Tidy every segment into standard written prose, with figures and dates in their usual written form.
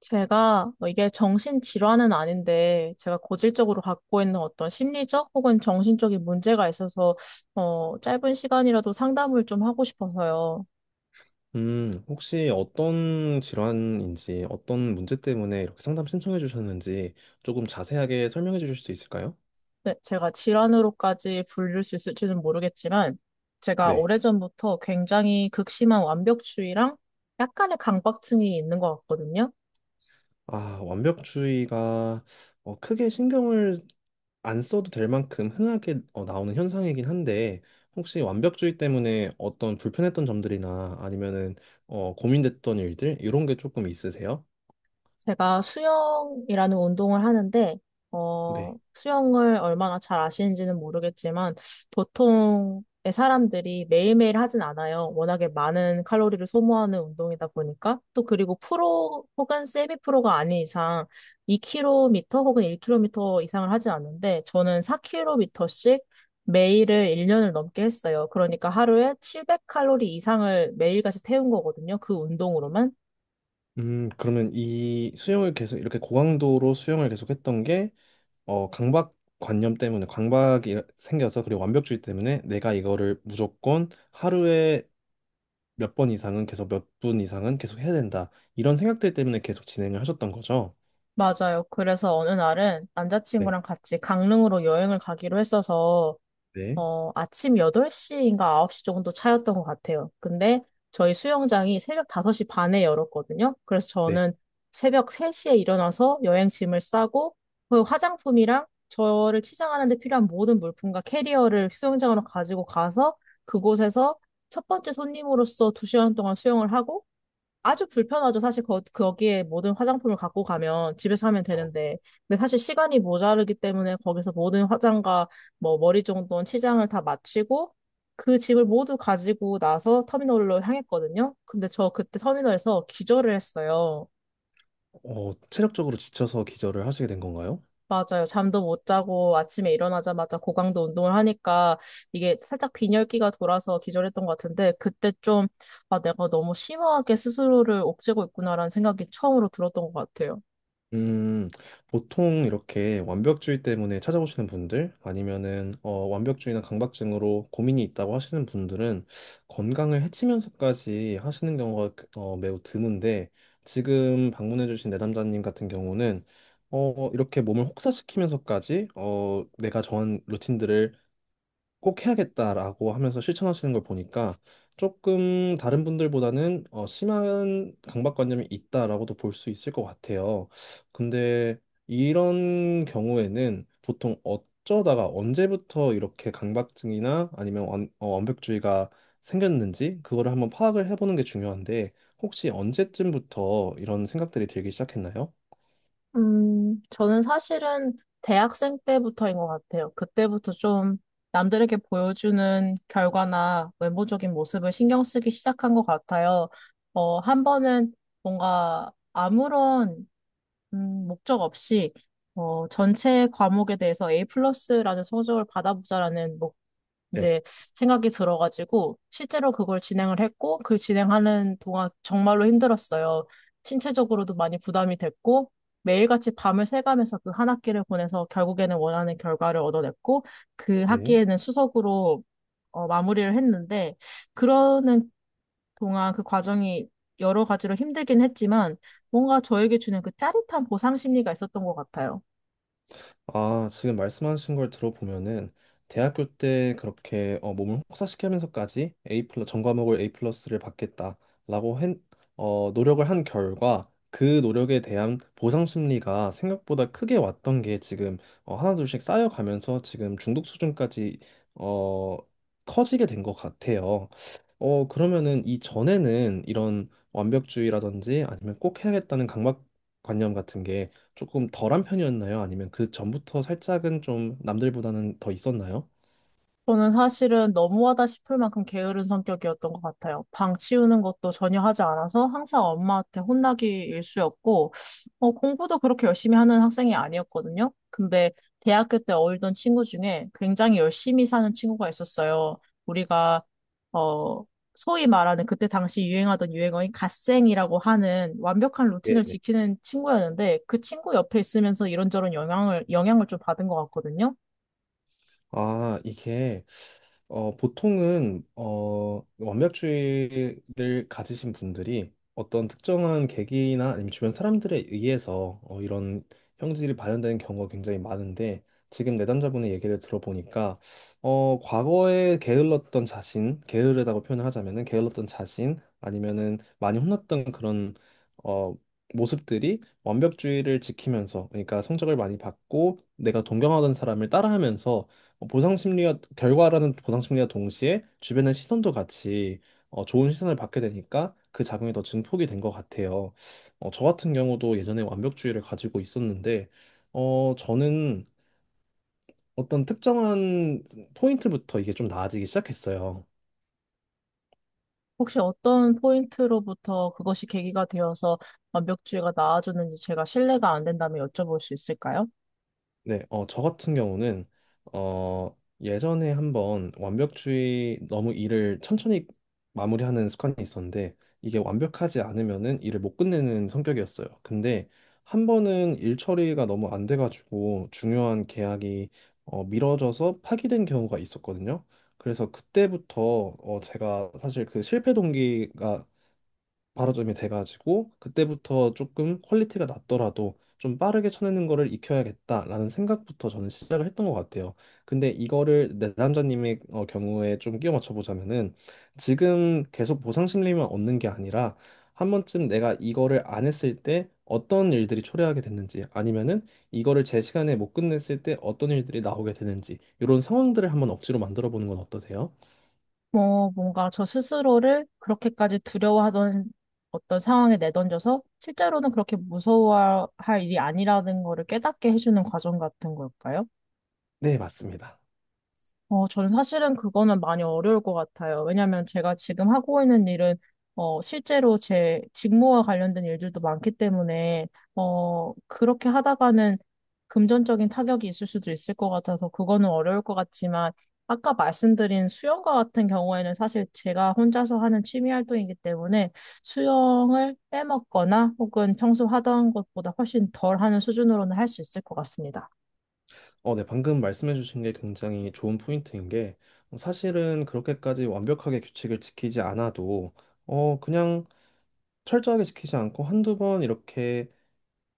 제가 뭐 이게 정신질환은 아닌데 제가 고질적으로 갖고 있는 어떤 심리적 혹은 정신적인 문제가 있어서 짧은 시간이라도 상담을 좀 하고 싶어서요. 혹시 어떤 질환인지, 어떤 문제 때문에 이렇게 상담 신청해 주셨는지 조금 자세하게 설명해 주실 수 있을까요? 네, 제가 질환으로까지 불릴 수 있을지는 모르겠지만 제가 네. 오래전부터 굉장히 극심한 완벽주의랑 약간의 강박증이 있는 것 같거든요. 아, 완벽주의가 크게 신경을 안 써도 될 만큼 흔하게 나오는 현상이긴 한데, 혹시 완벽주의 때문에 어떤 불편했던 점들이나 아니면은 고민됐던 일들, 이런 게 조금 있으세요? 제가 수영이라는 운동을 하는데, 네. 수영을 얼마나 잘 아시는지는 모르겠지만, 보통의 사람들이 매일매일 하진 않아요. 워낙에 많은 칼로리를 소모하는 운동이다 보니까, 또 그리고 프로 혹은 세미 프로가 아닌 이상 2km 혹은 1km 이상을 하진 않는데, 저는 4km씩 매일을 1년을 넘게 했어요. 그러니까 하루에 700칼로리 이상을 매일같이 태운 거거든요. 그 운동으로만. 그러면 이 수영을 계속 이렇게 고강도로 수영을 계속했던 게 강박관념 때문에 강박이 생겨서 그리고 완벽주의 때문에 내가 이거를 무조건 하루에 몇 번 이상은 계속 몇 분 이상은 계속 해야 된다. 이런 생각들 때문에 계속 진행을 하셨던 거죠? 맞아요. 그래서 어느 날은 네, 남자친구랑 같이 강릉으로 여행을 가기로 했어서, 네, 아침 8시인가 9시 정도 차였던 것 같아요. 근데 저희 수영장이 새벽 5시 반에 열었거든요. 그래서 네. 저는 새벽 3시에 일어나서 여행짐을 싸고, 그 화장품이랑 저를 치장하는 데 필요한 모든 물품과 캐리어를 수영장으로 가지고 가서, 그곳에서 첫 번째 손님으로서 두 시간 동안 수영을 하고, 아주 불편하죠. 사실 거기에 모든 화장품을 갖고 가면 집에서 하면 저, 되는데. 근데 사실 시간이 모자르기 때문에 거기서 모든 화장과 뭐 머리 정돈, 치장을 다 마치고 그 짐을 모두 가지고 나서 터미널로 향했거든요. 근데 저 그때 터미널에서 기절을 했어요. 체력적으로 지쳐서 기절을 하시게 된 건가요? 맞아요. 잠도 못 자고 아침에 일어나자마자 고강도 운동을 하니까 이게 살짝 빈혈기가 돌아서 기절했던 것 같은데 그때 좀 아, 내가 너무 심하게 스스로를 옥죄고 있구나라는 생각이 처음으로 들었던 것 같아요. 음, 보통 이렇게 완벽주의 때문에 찾아오시는 분들 아니면은 완벽주의나 강박증으로 고민이 있다고 하시는 분들은 건강을 해치면서까지 하시는 경우가 매우 드문데 지금 방문해주신 내담자님 같은 경우는 이렇게 몸을 혹사시키면서까지 내가 정한 루틴들을 꼭 해야겠다라고 하면서 실천하시는 걸 보니까 조금 다른 분들보다는 심한 강박관념이 있다라고도 볼 수 있을 것 같아요. 근데 이런 경우에는 보통 어쩌다가 언제부터 이렇게 강박증이나 아니면 완벽주의가 생겼는지 그거를 한번 파악을 해보는 게 중요한데 혹시 언제쯤부터 이런 생각들이 들기 시작했나요? 저는 사실은 대학생 때부터인 것 같아요. 그때부터 좀 남들에게 보여주는 결과나 외모적인 모습을 신경 쓰기 시작한 것 같아요. 어, 한 번은 뭔가 아무런 목적 없이 전체 과목에 대해서 A 플러스라는 성적을 받아보자라는 네. 이제 생각이 들어가지고 실제로 그걸 진행을 했고 그 진행하는 동안 정말로 힘들었어요. 신체적으로도 많이 부담이 됐고 매일같이 밤을 새가면서 그 한 학기를 보내서 결국에는 원하는 결과를 얻어냈고 그 네. 학기에는 수석으로 마무리를 했는데 그러는 동안 그 과정이 여러 가지로 힘들긴 했지만 뭔가 저에게 주는 그 짜릿한 보상 심리가 있었던 것 같아요. 아, 지금 말씀하신 걸 들어보면은 대학교 때 그렇게 몸을 혹사시키면서까지 A 플러 전 과목을 A 플러스를 받겠다라고 한 노력을 한 결과 그 노력에 대한 보상 심리가 생각보다 크게 왔던 게 지금 하나둘씩 쌓여가면서 지금 중독 수준까지 어, 커지게 된 것 같아요. 그러면은 이전에는 이런 완벽주의라든지 아니면 꼭 해야겠다는 강박관념 같은 게 조금 덜한 편이었나요? 아니면 그 전부터 살짝은 좀 남들보다는 더 있었나요? 저는 사실은 너무하다 싶을 만큼 게으른 성격이었던 것 같아요. 방 치우는 것도 전혀 하지 않아서 항상 엄마한테 혼나기 일쑤였고, 공부도 그렇게 열심히 하는 학생이 아니었거든요. 근데 대학교 때 어울던 친구 중에 굉장히 열심히 사는 친구가 있었어요. 우리가, 어, 소위 말하는 그때 당시 유행하던 유행어인 갓생이라고 하는 완벽한 루틴을 지키는 친구였는데 그 친구 옆에 있으면서 이런저런 영향을 좀 받은 것 같거든요. 아, 이게 보통은 완벽주의를 가지신 분들이 어떤 특정한 계기나 아니면 주변 사람들에 의해서 이런 형질이 발현되는 경우가 굉장히 많은데 지금 내담자분의 얘기를 들어보니까 과거에 게을렀던 자신, 게으르다고 표현을 하자면은 게을렀던 자신 아니면은 많이 혼났던 그런 어, 모습들이 완벽주의를 지키면서 그러니까 성적을 많이 받고 내가 동경하던 사람을 따라하면서 보상 심리와 동시에 주변의 시선도 같이 좋은 시선을 받게 되니까 그 작용이 더 증폭이 된 것 같아요. 저 같은 경우도 예전에 완벽주의를 가지고 있었는데 저는 어떤 특정한 포인트부터 이게 좀 나아지기 시작했어요. 혹시 어떤 포인트로부터 그것이 계기가 되어서 완벽주의가 나아졌는지 제가 신뢰가 안 된다면 여쭤볼 수 있을까요? 네, 저 같은 경우는 예전에 한번 완벽주의 너무 일을 천천히 마무리하는 습관이 있었는데 이게 완벽하지 않으면은 일을 못 끝내는 성격이었어요. 근데 한 번은 일 처리가 너무 안 돼가지고 중요한 계약이 미뤄져서 파기된 경우가 있었거든요. 그래서 그때부터 제가 사실 그 실패 동기가 바로점이 돼가지고 그때부터 조금 퀄리티가 낮더라도 좀 빠르게 쳐내는 거를 익혀야겠다라는 생각부터 저는 시작을 했던 것 같아요. 근데 이거를 내 남자님의 경우에 좀 끼워 맞춰보자면은 지금 계속 보상 심리만 얻는 게 아니라 한 번쯤 내가 이거를 안 했을 때 어떤 일들이 초래하게 됐는지 아니면은 이거를 제 시간에 못 끝냈을 때 어떤 일들이 나오게 되는지 이런 상황들을 한번 억지로 만들어 보는 건 어떠세요? 뭔가 저 스스로를 그렇게까지 두려워하던 어떤 상황에 내던져서 실제로는 그렇게 무서워할 일이 아니라는 거를 깨닫게 해주는 과정 같은 걸까요? 네, 맞습니다. 어, 저는 사실은 그거는 많이 어려울 것 같아요. 왜냐하면 제가 지금 하고 있는 일은 실제로 제 직무와 관련된 일들도 많기 때문에 그렇게 하다가는 금전적인 타격이 있을 수도 있을 것 같아서 그거는 어려울 것 같지만 아까 말씀드린 수영과 같은 경우에는 사실 제가 혼자서 하는 취미 활동이기 때문에 수영을 빼먹거나 혹은 평소 하던 것보다 훨씬 덜 하는 수준으로는 할 수 있을 것 같습니다. 네, 방금 말씀해주신 게 굉장히 좋은 포인트인 게 사실은 그렇게까지 완벽하게 규칙을 지키지 않아도 그냥 철저하게 지키지 않고 한두 번 이렇게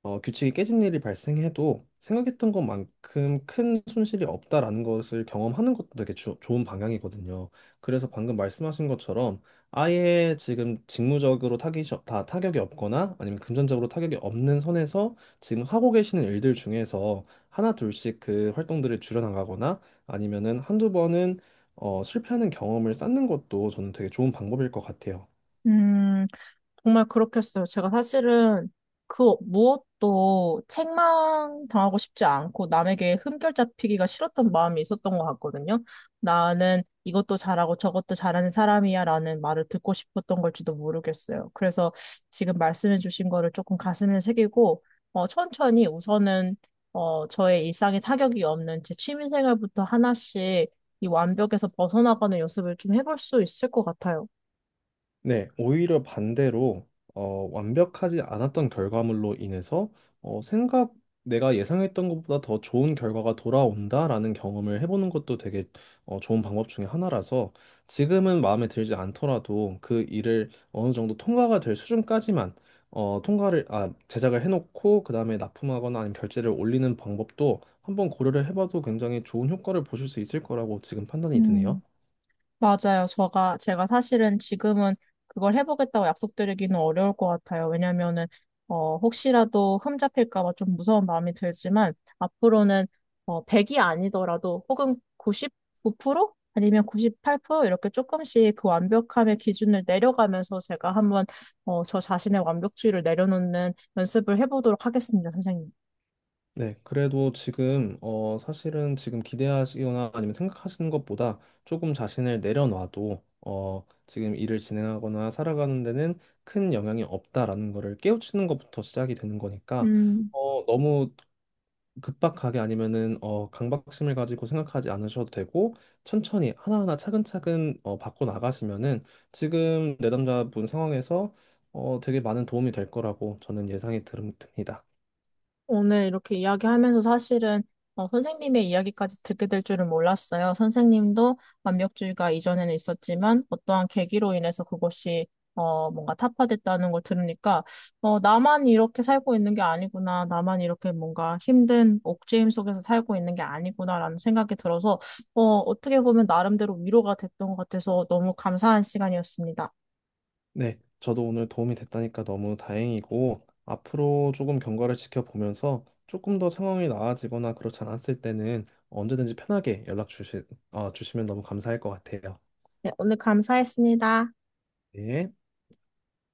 규칙이 깨진 일이 발생해도 생각했던 것만큼 큰 손실이 없다라는 것을 경험하는 것도 되게 좋은 방향이거든요. 그래서 방금 말씀하신 것처럼 아예 지금 직무적으로 다 타격이 없거나 아니면 금전적으로 타격이 없는 선에서 지금 하고 계시는 일들 중에서 하나 둘씩 그 활동들을 줄여나가거나 아니면은 한두 번은 실패하는 경험을 쌓는 것도 저는 되게 좋은 방법일 것 같아요. 음, 정말 그렇겠어요. 제가 사실은 그 무엇도 책망 당하고 싶지 않고 남에게 흠결 잡히기가 싫었던 마음이 있었던 것 같거든요. 나는 이것도 잘하고 저것도 잘하는 사람이야 라는 말을 듣고 싶었던 걸지도 모르겠어요. 그래서 지금 말씀해 주신 거를 조금 가슴에 새기고, 천천히 우선은, 저의 일상에 타격이 없는 제 취미 생활부터 하나씩 이 완벽에서 벗어나가는 연습을 좀 해볼 수 있을 것 같아요. 네, 오히려 반대로 완벽하지 않았던 결과물로 인해서 어, 생각 내가 예상했던 것보다 더 좋은 결과가 돌아온다라는 경험을 해보는 것도 되게 좋은 방법 중에 하나라서 지금은 마음에 들지 않더라도 그 일을 어느 정도 통과가 될 수준까지만 제작을 해놓고 그 다음에 납품하거나 아니면 결제를 올리는 방법도 한번 고려를 해봐도 굉장히 좋은 효과를 보실 수 있을 거라고 지금 판단이 드네요. 음. 맞아요. 제가 사실은 지금은 그걸 해보겠다고 약속드리기는 어려울 것 같아요. 왜냐면은, 혹시라도 흠잡힐까 봐 좀 무서운 마음이 들지만, 앞으로는, 100이 아니더라도, 혹은 99% 아니면 98% 이렇게 조금씩 그 완벽함의 기준을 내려가면서 제가 한번, 저 자신의 완벽주의를 내려놓는 연습을 해보도록 하겠습니다, 선생님. 네, 그래도 지금 사실은 지금 기대하시거나 아니면 생각하시는 것보다 조금 자신을 내려놔도 지금 일을 진행하거나 살아가는 데는 큰 영향이 없다라는 거를 깨우치는 것부터 시작이 되는 거니까 음. 너무 급박하게 아니면은 강박심을 가지고 생각하지 않으셔도 되고 천천히 하나하나 차근차근 바꿔 나가시면은 지금 내담자분 상황에서 되게 많은 도움이 될 거라고 저는 듭니다. 오늘 이렇게 이야기하면서 사실은 선생님의 이야기까지 듣게 될 줄은 몰랐어요. 선생님도 완벽주의가 이전에는 있었지만 어떠한 계기로 인해서 그것이 뭔가 타파됐다는 걸 들으니까 나만 이렇게 살고 있는 게 아니구나. 나만 이렇게 뭔가 힘든 옥죄임 속에서 살고 있는 게 아니구나라는 생각이 들어서 어떻게 보면 나름대로 위로가 됐던 것 같아서 너무 감사한 시간이었습니다. 네, 저도 오늘 도움이 됐다니까 너무 다행이고, 앞으로 조금 경과를 지켜보면서 조금 더 상황이 나아지거나 그렇지 않았을 때는 언제든지 편하게 주시면 너무 감사할 것 같아요. 네, 오늘 감사했습니다. 네.